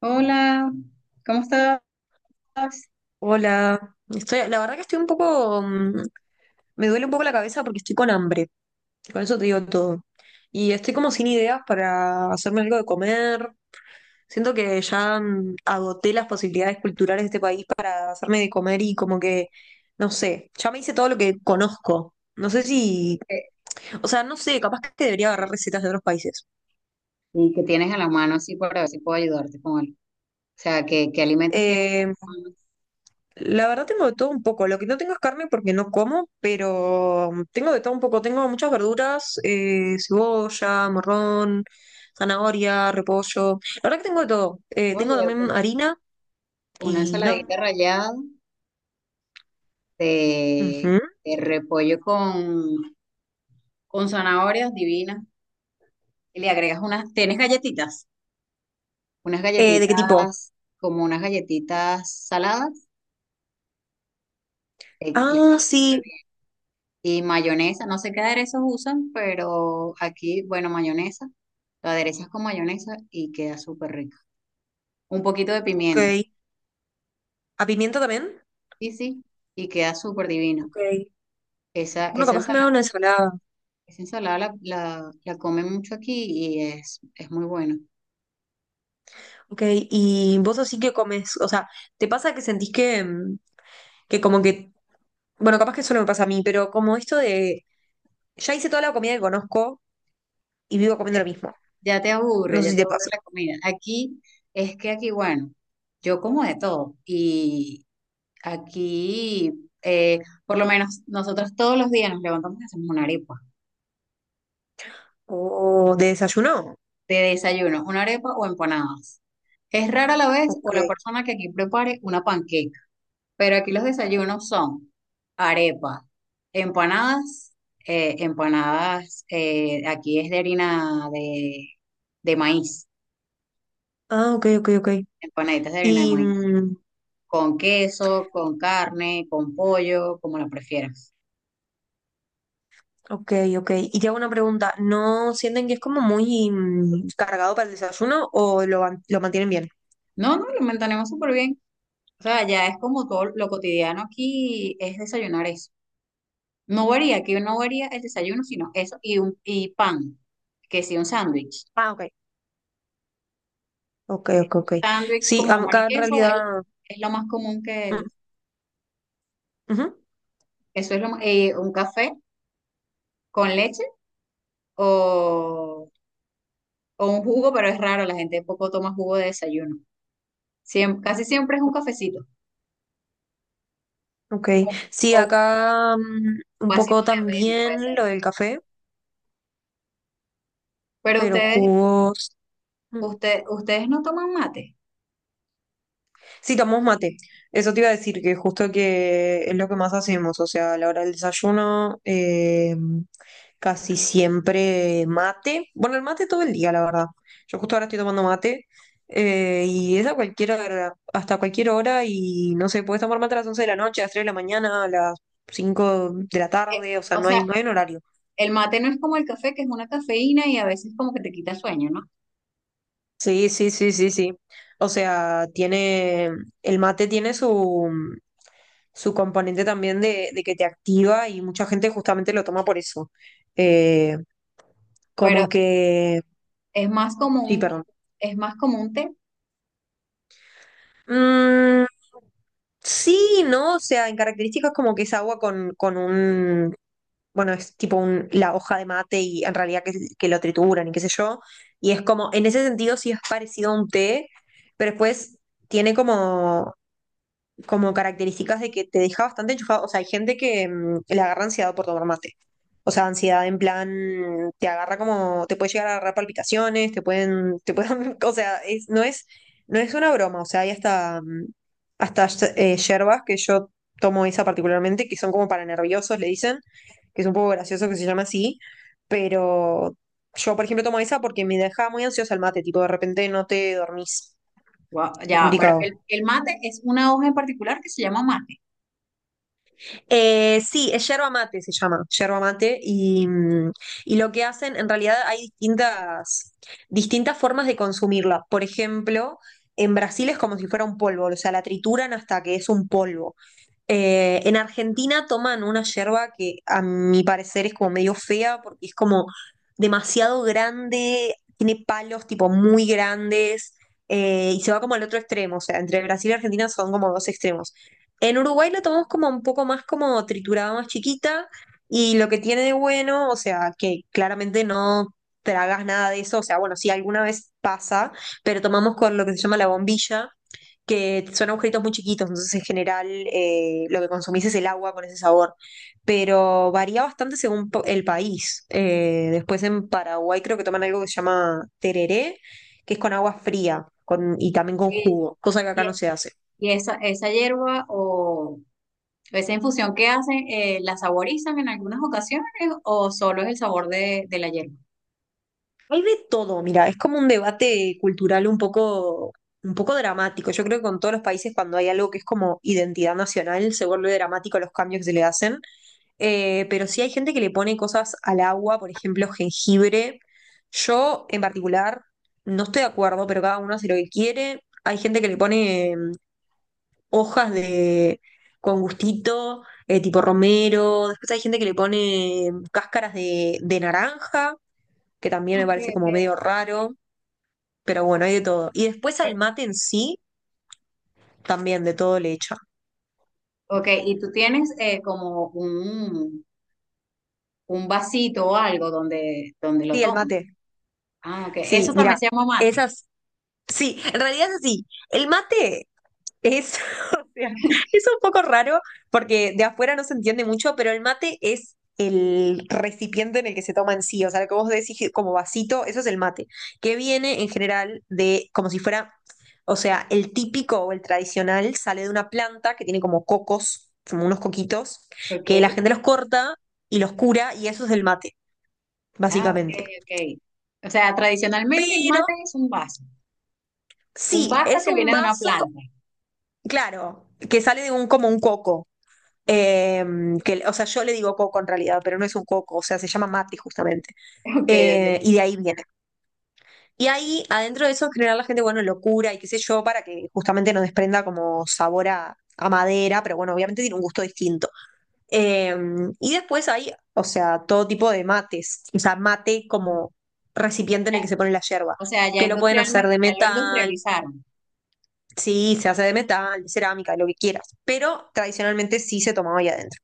Hola, ¿cómo estás? Hola, estoy, la verdad que estoy un poco. Me duele un poco la cabeza porque estoy con hambre, con eso te digo todo. Y estoy como sin ideas para hacerme algo de comer. Siento que ya agoté las posibilidades culturales de este país para hacerme de comer y como que, no sé, ya me hice todo lo que conozco. No sé si, Eh, o sea, no sé, capaz que debería agarrar recetas de otros países. ¿Y qué tienes a la mano así para ver si puedo ayudarte con algo? O sea, ¿qué alimentos tienes Eh, a la mano? La verdad tengo de todo un poco. Lo que no tengo es carne porque no como, pero tengo de todo un poco. Tengo muchas verduras, cebolla, morrón, zanahoria, repollo. La verdad que tengo de todo. Tengo Oye, también harina una y no. ensaladita rallada de, Ujú. de repollo con zanahorias divinas. Y le agregas unas, ¿tienes galletitas? Unas ¿De qué tipo? galletitas, como unas galletitas saladas. eh, le- Ah, sí, Y mayonesa, no sé qué aderezos usan, pero aquí, bueno, mayonesa. Lo aderezas con mayonesa y queda súper rico. Un poquito de ok. pimienta. ¿A pimiento también? Sí, sí, y queda súper divino. Ok. Esa, Bueno, esa capaz que me haga ensalada, una ensalada. esa ensalada la comen mucho aquí y es muy bueno. Ok, y vos así que comes, o sea, ¿te pasa que sentís que, que como que, bueno, capaz que solo me pasa a mí, pero como esto de. Ya hice toda la comida que conozco, y vivo comiendo lo mismo. No sé Ya si te te aburre pasa. la comida. Aquí es que aquí, bueno, yo como de todo y aquí, eh, por lo menos nosotros todos los días nos levantamos y hacemos una arepa O de desayuno. de desayuno, una arepa o empanadas. Es rara la vez o Ok. la persona que aquí prepare una panqueca. Pero aquí los desayunos son arepa, empanadas, empanadas, aquí es de harina de maíz, Ah, ok, ok, ok. empanaditas de harina de Y, maíz, mm, con queso, con carne, con pollo, como la prefieras. ok, ok. Y te hago una pregunta. ¿No sienten que es como muy cargado para el desayuno o lo mantienen bien? No, no, lo mantenemos súper bien. O sea, ya es como todo lo cotidiano aquí es desayunar eso. No varía, aquí no varía el desayuno, sino eso y, un, y pan, que sí, un sándwich. Ah, ok. Ok, ok, ok. Sándwich Sí, con jamón y acá en queso realidad. es lo más común que... Mm, ujú. Eso es lo, un café con leche o, o un jugo, pero es raro, la gente poco toma jugo de desayuno. Casi siempre es un cafecito Ok, o, sí, o un acá un poco vasito de avena, puede también ser. lo del café, Pero pero ustedes, jugos. Mm, ustedes no toman mate. sí, tomamos mate. Eso te iba a decir, que justo que es lo que más hacemos, o sea, a la hora del desayuno, casi siempre mate. Bueno, el mate todo el día, la verdad. Yo justo ahora estoy tomando mate y es a cualquier hora, hasta cualquier hora y no sé, puedes tomar mate a las 11 de la noche, a las 3 de la mañana, a las 5 de la Eh, tarde, o sea, o no hay, sea, no hay un horario. el mate no es como el café, que es una cafeína y a veces como que te quita sueño, ¿no? Sí, sí, sí, sí, sí. O sea, el mate tiene su componente también de que te activa y mucha gente justamente lo toma por eso. Eh, Pero como que. es más como Sí, un, perdón. es más como un té. Mm, sí, ¿no? O sea, en características como que es agua con un. Bueno, es tipo la hoja de mate y en realidad que lo trituran y qué sé yo. Y es como, en ese sentido sí es parecido a un té, pero después tiene como características de que te deja bastante enchufado. O sea, hay gente que le agarra ansiedad por tomar mate. O sea, ansiedad en plan, te agarra como, te puede llegar a agarrar palpitaciones, te pueden, o sea, no es una broma. O sea, hay hasta yerbas que yo tomo esa particularmente, que son como para nerviosos, le dicen, que es un poco gracioso que se llama así, pero yo, por ejemplo, tomo esa porque me deja muy ansiosa el mate, tipo, de repente no te dormís. Guau, Es ya, pero complicado. el mate es una hoja en particular que se llama mate. Sí, es yerba mate, se llama, yerba mate, y lo que hacen, en realidad hay distintas formas de consumirla. Por ejemplo, en Brasil es como si fuera un polvo, o sea, la trituran hasta que es un polvo. En Argentina toman una yerba que a mi parecer es como medio fea porque es como demasiado grande, tiene palos tipo muy grandes y se va como al otro extremo, o sea, entre Brasil y Argentina son como dos extremos. En Uruguay lo tomamos como un poco más como triturada, más chiquita, y lo que tiene de bueno, o sea, que claramente no tragas nada de eso, o sea, bueno, sí, alguna vez pasa, pero tomamos con lo que se llama la bombilla, que son agujeritos muy chiquitos, entonces en general lo que consumís es el agua con ese sabor, pero varía bastante según el país. Después en Paraguay creo que toman algo que se llama tereré, que es con agua fría y también con jugo, cosa que acá Y- no se hace. Y esa hierba o esa infusión que hacen, ¿la saborizan en algunas ocasiones o solo es el sabor de la hierba? Hay de todo, mira, es como un debate cultural un poco dramático. Yo creo que con todos los países cuando hay algo que es como identidad nacional se vuelve dramático los cambios que se le hacen. Pero sí hay gente que le pone cosas al agua, por ejemplo, jengibre. Yo en particular no estoy de acuerdo, pero cada uno hace lo que quiere. Hay gente que le pone hojas de con gustito, tipo romero. Después hay gente que le pone cáscaras de naranja que también me Ok, parece ok. como medio raro pero bueno, hay de todo. Y después al Bueno, mate en sí, también de todo le echan. ok, y tú tienes como un vasito o algo donde, donde lo Sí, el toman. mate. Ah, ok. Sí, Eso también mira, se llama mate. esas. Sí, en realidad es así. Es, o sea, es un poco raro porque de afuera no se entiende mucho, pero el mate es el recipiente en el que se toma en sí, o sea, lo que vos decís como vasito, eso es el mate, que viene en general de como si fuera, o sea, el típico o el tradicional sale de una planta que tiene como cocos, como unos coquitos, que la Ok. gente los corta y los cura y eso es el mate, Ah, ok, básicamente. ok. O sea, tradicionalmente el Pero mate es un vaso. Un sí, vaso es que un viene de una vaso, planta. claro, que sale de un como un coco. Eh, o sea, yo le digo coco en realidad, pero no es un coco, o sea, se llama mate justamente. Ok, ok. Y de ahí viene. Y ahí, adentro de eso, en general la gente, bueno, locura y qué sé yo, para que justamente no desprenda como sabor a madera, pero bueno, obviamente tiene un gusto distinto. Eh, y después hay, o sea, todo tipo de mates, o sea, mate como recipiente en el que se pone la yerba, O sea, ya que lo pueden hacer industrialmente, de ya lo metal, industrializaron. sí, se hace de metal, de cerámica, de lo que quieras, pero tradicionalmente sí se tomaba ahí adentro.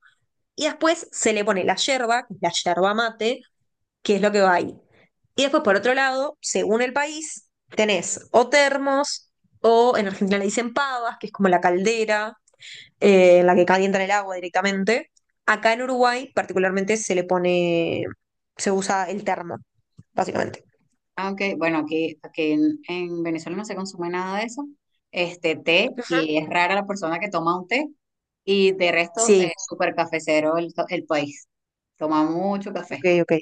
Y después se le pone la yerba, que es la yerba mate, que es lo que va ahí. Y después, por otro lado, según el país, tenés o termos, o en Argentina le dicen pavas, que es como la caldera en la que calientan el agua directamente. Acá en Uruguay, particularmente, se usa el termo, básicamente. Ah, ok. Bueno, aquí, aquí en Venezuela no se consume nada de eso. Este té, Ujú. y es rara la persona que toma un té, y de resto, es Sí, súper cafecero el país. Toma mucho ok, café. ok.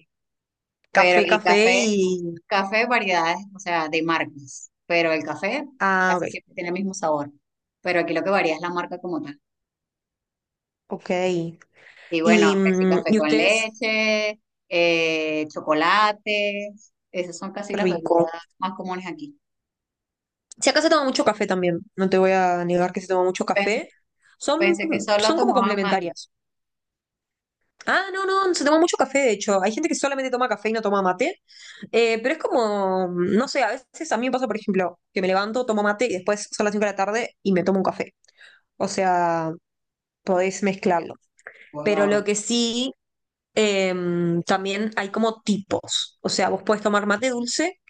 Pero, Café, y café café, y. café variedades, o sea, de marcas. Pero el café Ah, casi ok, siempre tiene el mismo sabor. Pero aquí lo que varía es la marca como tal. ok. Y bueno, Y, que sí, mm, café y con ustedes, leche, chocolates, esas son casi qué las bebidas rico. más comunes aquí. Si acá se toma mucho café también, no te voy a negar que se toma mucho café. Son, Pensé que solo son como tomaban mate. complementarias. Ah, no, no, se toma mucho café, de hecho. Hay gente que solamente toma café y no toma mate. Pero es como, no sé, a veces a mí me pasa, por ejemplo, que me levanto, tomo mate y después son las 5 de la tarde y me tomo un café. O sea, podés mezclarlo. Pero lo Wow. que sí, eh, también hay como tipos. O sea, vos podés tomar mate dulce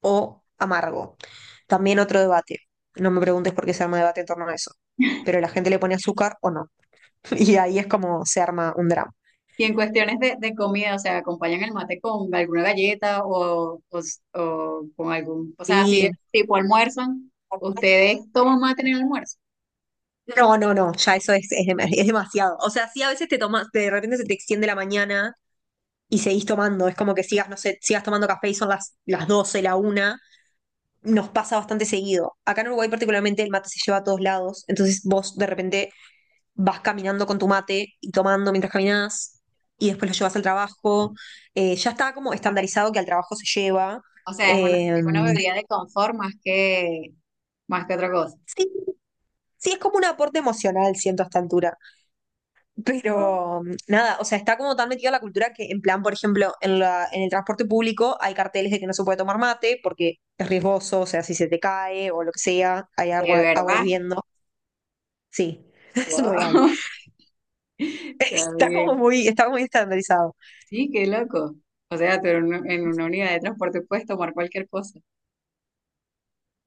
o amargo. También otro debate. No me preguntes por qué se arma debate en torno a eso. Pero la gente le pone azúcar o no. Y ahí es como se arma un drama. Y en cuestiones de comida, o sea, acompañan el mate con alguna galleta o con algún, o sea, así Sí. tipo almuerzan, ustedes toman mate en el almuerzo. No, no, no, ya eso es demasiado. O sea, sí, a veces te tomas, de repente se te extiende la mañana y seguís tomando. Es como que sigas, no sé, sigas tomando café y son las 12, la 1. Nos pasa bastante seguido. Acá en Uruguay, particularmente, el mate se lleva a todos lados. Entonces, vos de repente vas caminando con tu mate y tomando mientras caminas y después lo llevas al trabajo. Ya está como Ok. estandarizado que al trabajo se lleva. O sea, Eh, es una bebida de confort más que otra cosa. sí, sí, es como un aporte emocional, siento a esta altura. Pero nada, o sea, está como tan metida la cultura que en plan, por ejemplo, en en el transporte público hay carteles de que no se puede tomar mate porque es riesgoso, o sea, si se te cae o lo que sea, hay ¿De agua verdad? hirviendo. Sí, es Wow. real. Wow. Está Está como bien. Está muy estandarizado. Sí, qué loco. O sea, tú en una unidad de transporte puedes tomar cualquier cosa.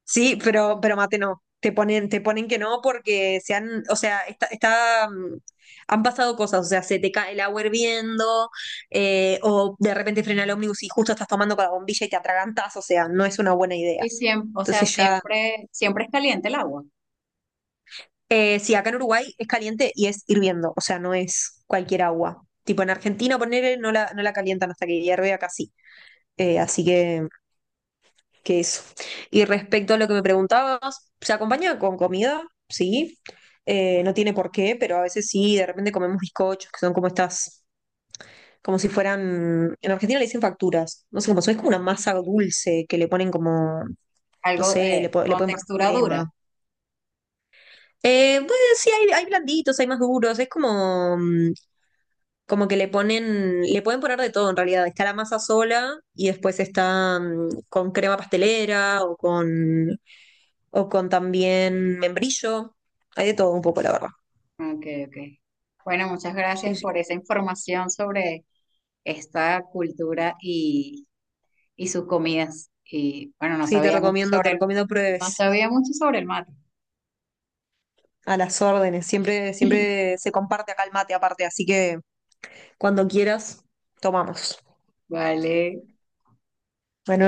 Sí, pero mate no. Te ponen que no porque se han, o sea, está, han pasado cosas, o sea, se te cae el agua hirviendo, o de repente frena el ómnibus y justo estás tomando con la bombilla y te atragantas, o sea, no es una buena Y idea. siempre, o sea, Entonces ya, siempre, siempre es caliente el agua. Sí, acá en Uruguay es caliente y es hirviendo, o sea, no es cualquier agua. Tipo en Argentina, poner no la, no la calientan hasta que hierve acá sí. Así que eso. Y respecto a lo que me preguntabas, ¿se acompaña con comida? Sí. No tiene por qué, pero a veces sí, de repente comemos bizcochos, que son como estas, como si fueran, en Argentina le dicen facturas, no sé cómo son, es como una masa dulce que le ponen como, no Algo sé, le, po- le con pueden poner textura crema. dura. Pues sí, hay blanditos, hay más duros, es como, como que le pueden poner de todo en realidad. Está la masa sola y después está con crema pastelera o o con también membrillo. Hay de todo un poco, la verdad. Ok, ok. Bueno, muchas Sí, gracias sí. por esa información sobre esta cultura y sus comidas. Y bueno, no Sí, te sabía mucho recomiendo, te sobre el, recomiendo no pruebes sabía mucho sobre el mate. a las órdenes. Siempre, siempre se comparte acá el mate aparte, así que cuando quieras, tomamos. Vale. Bueno.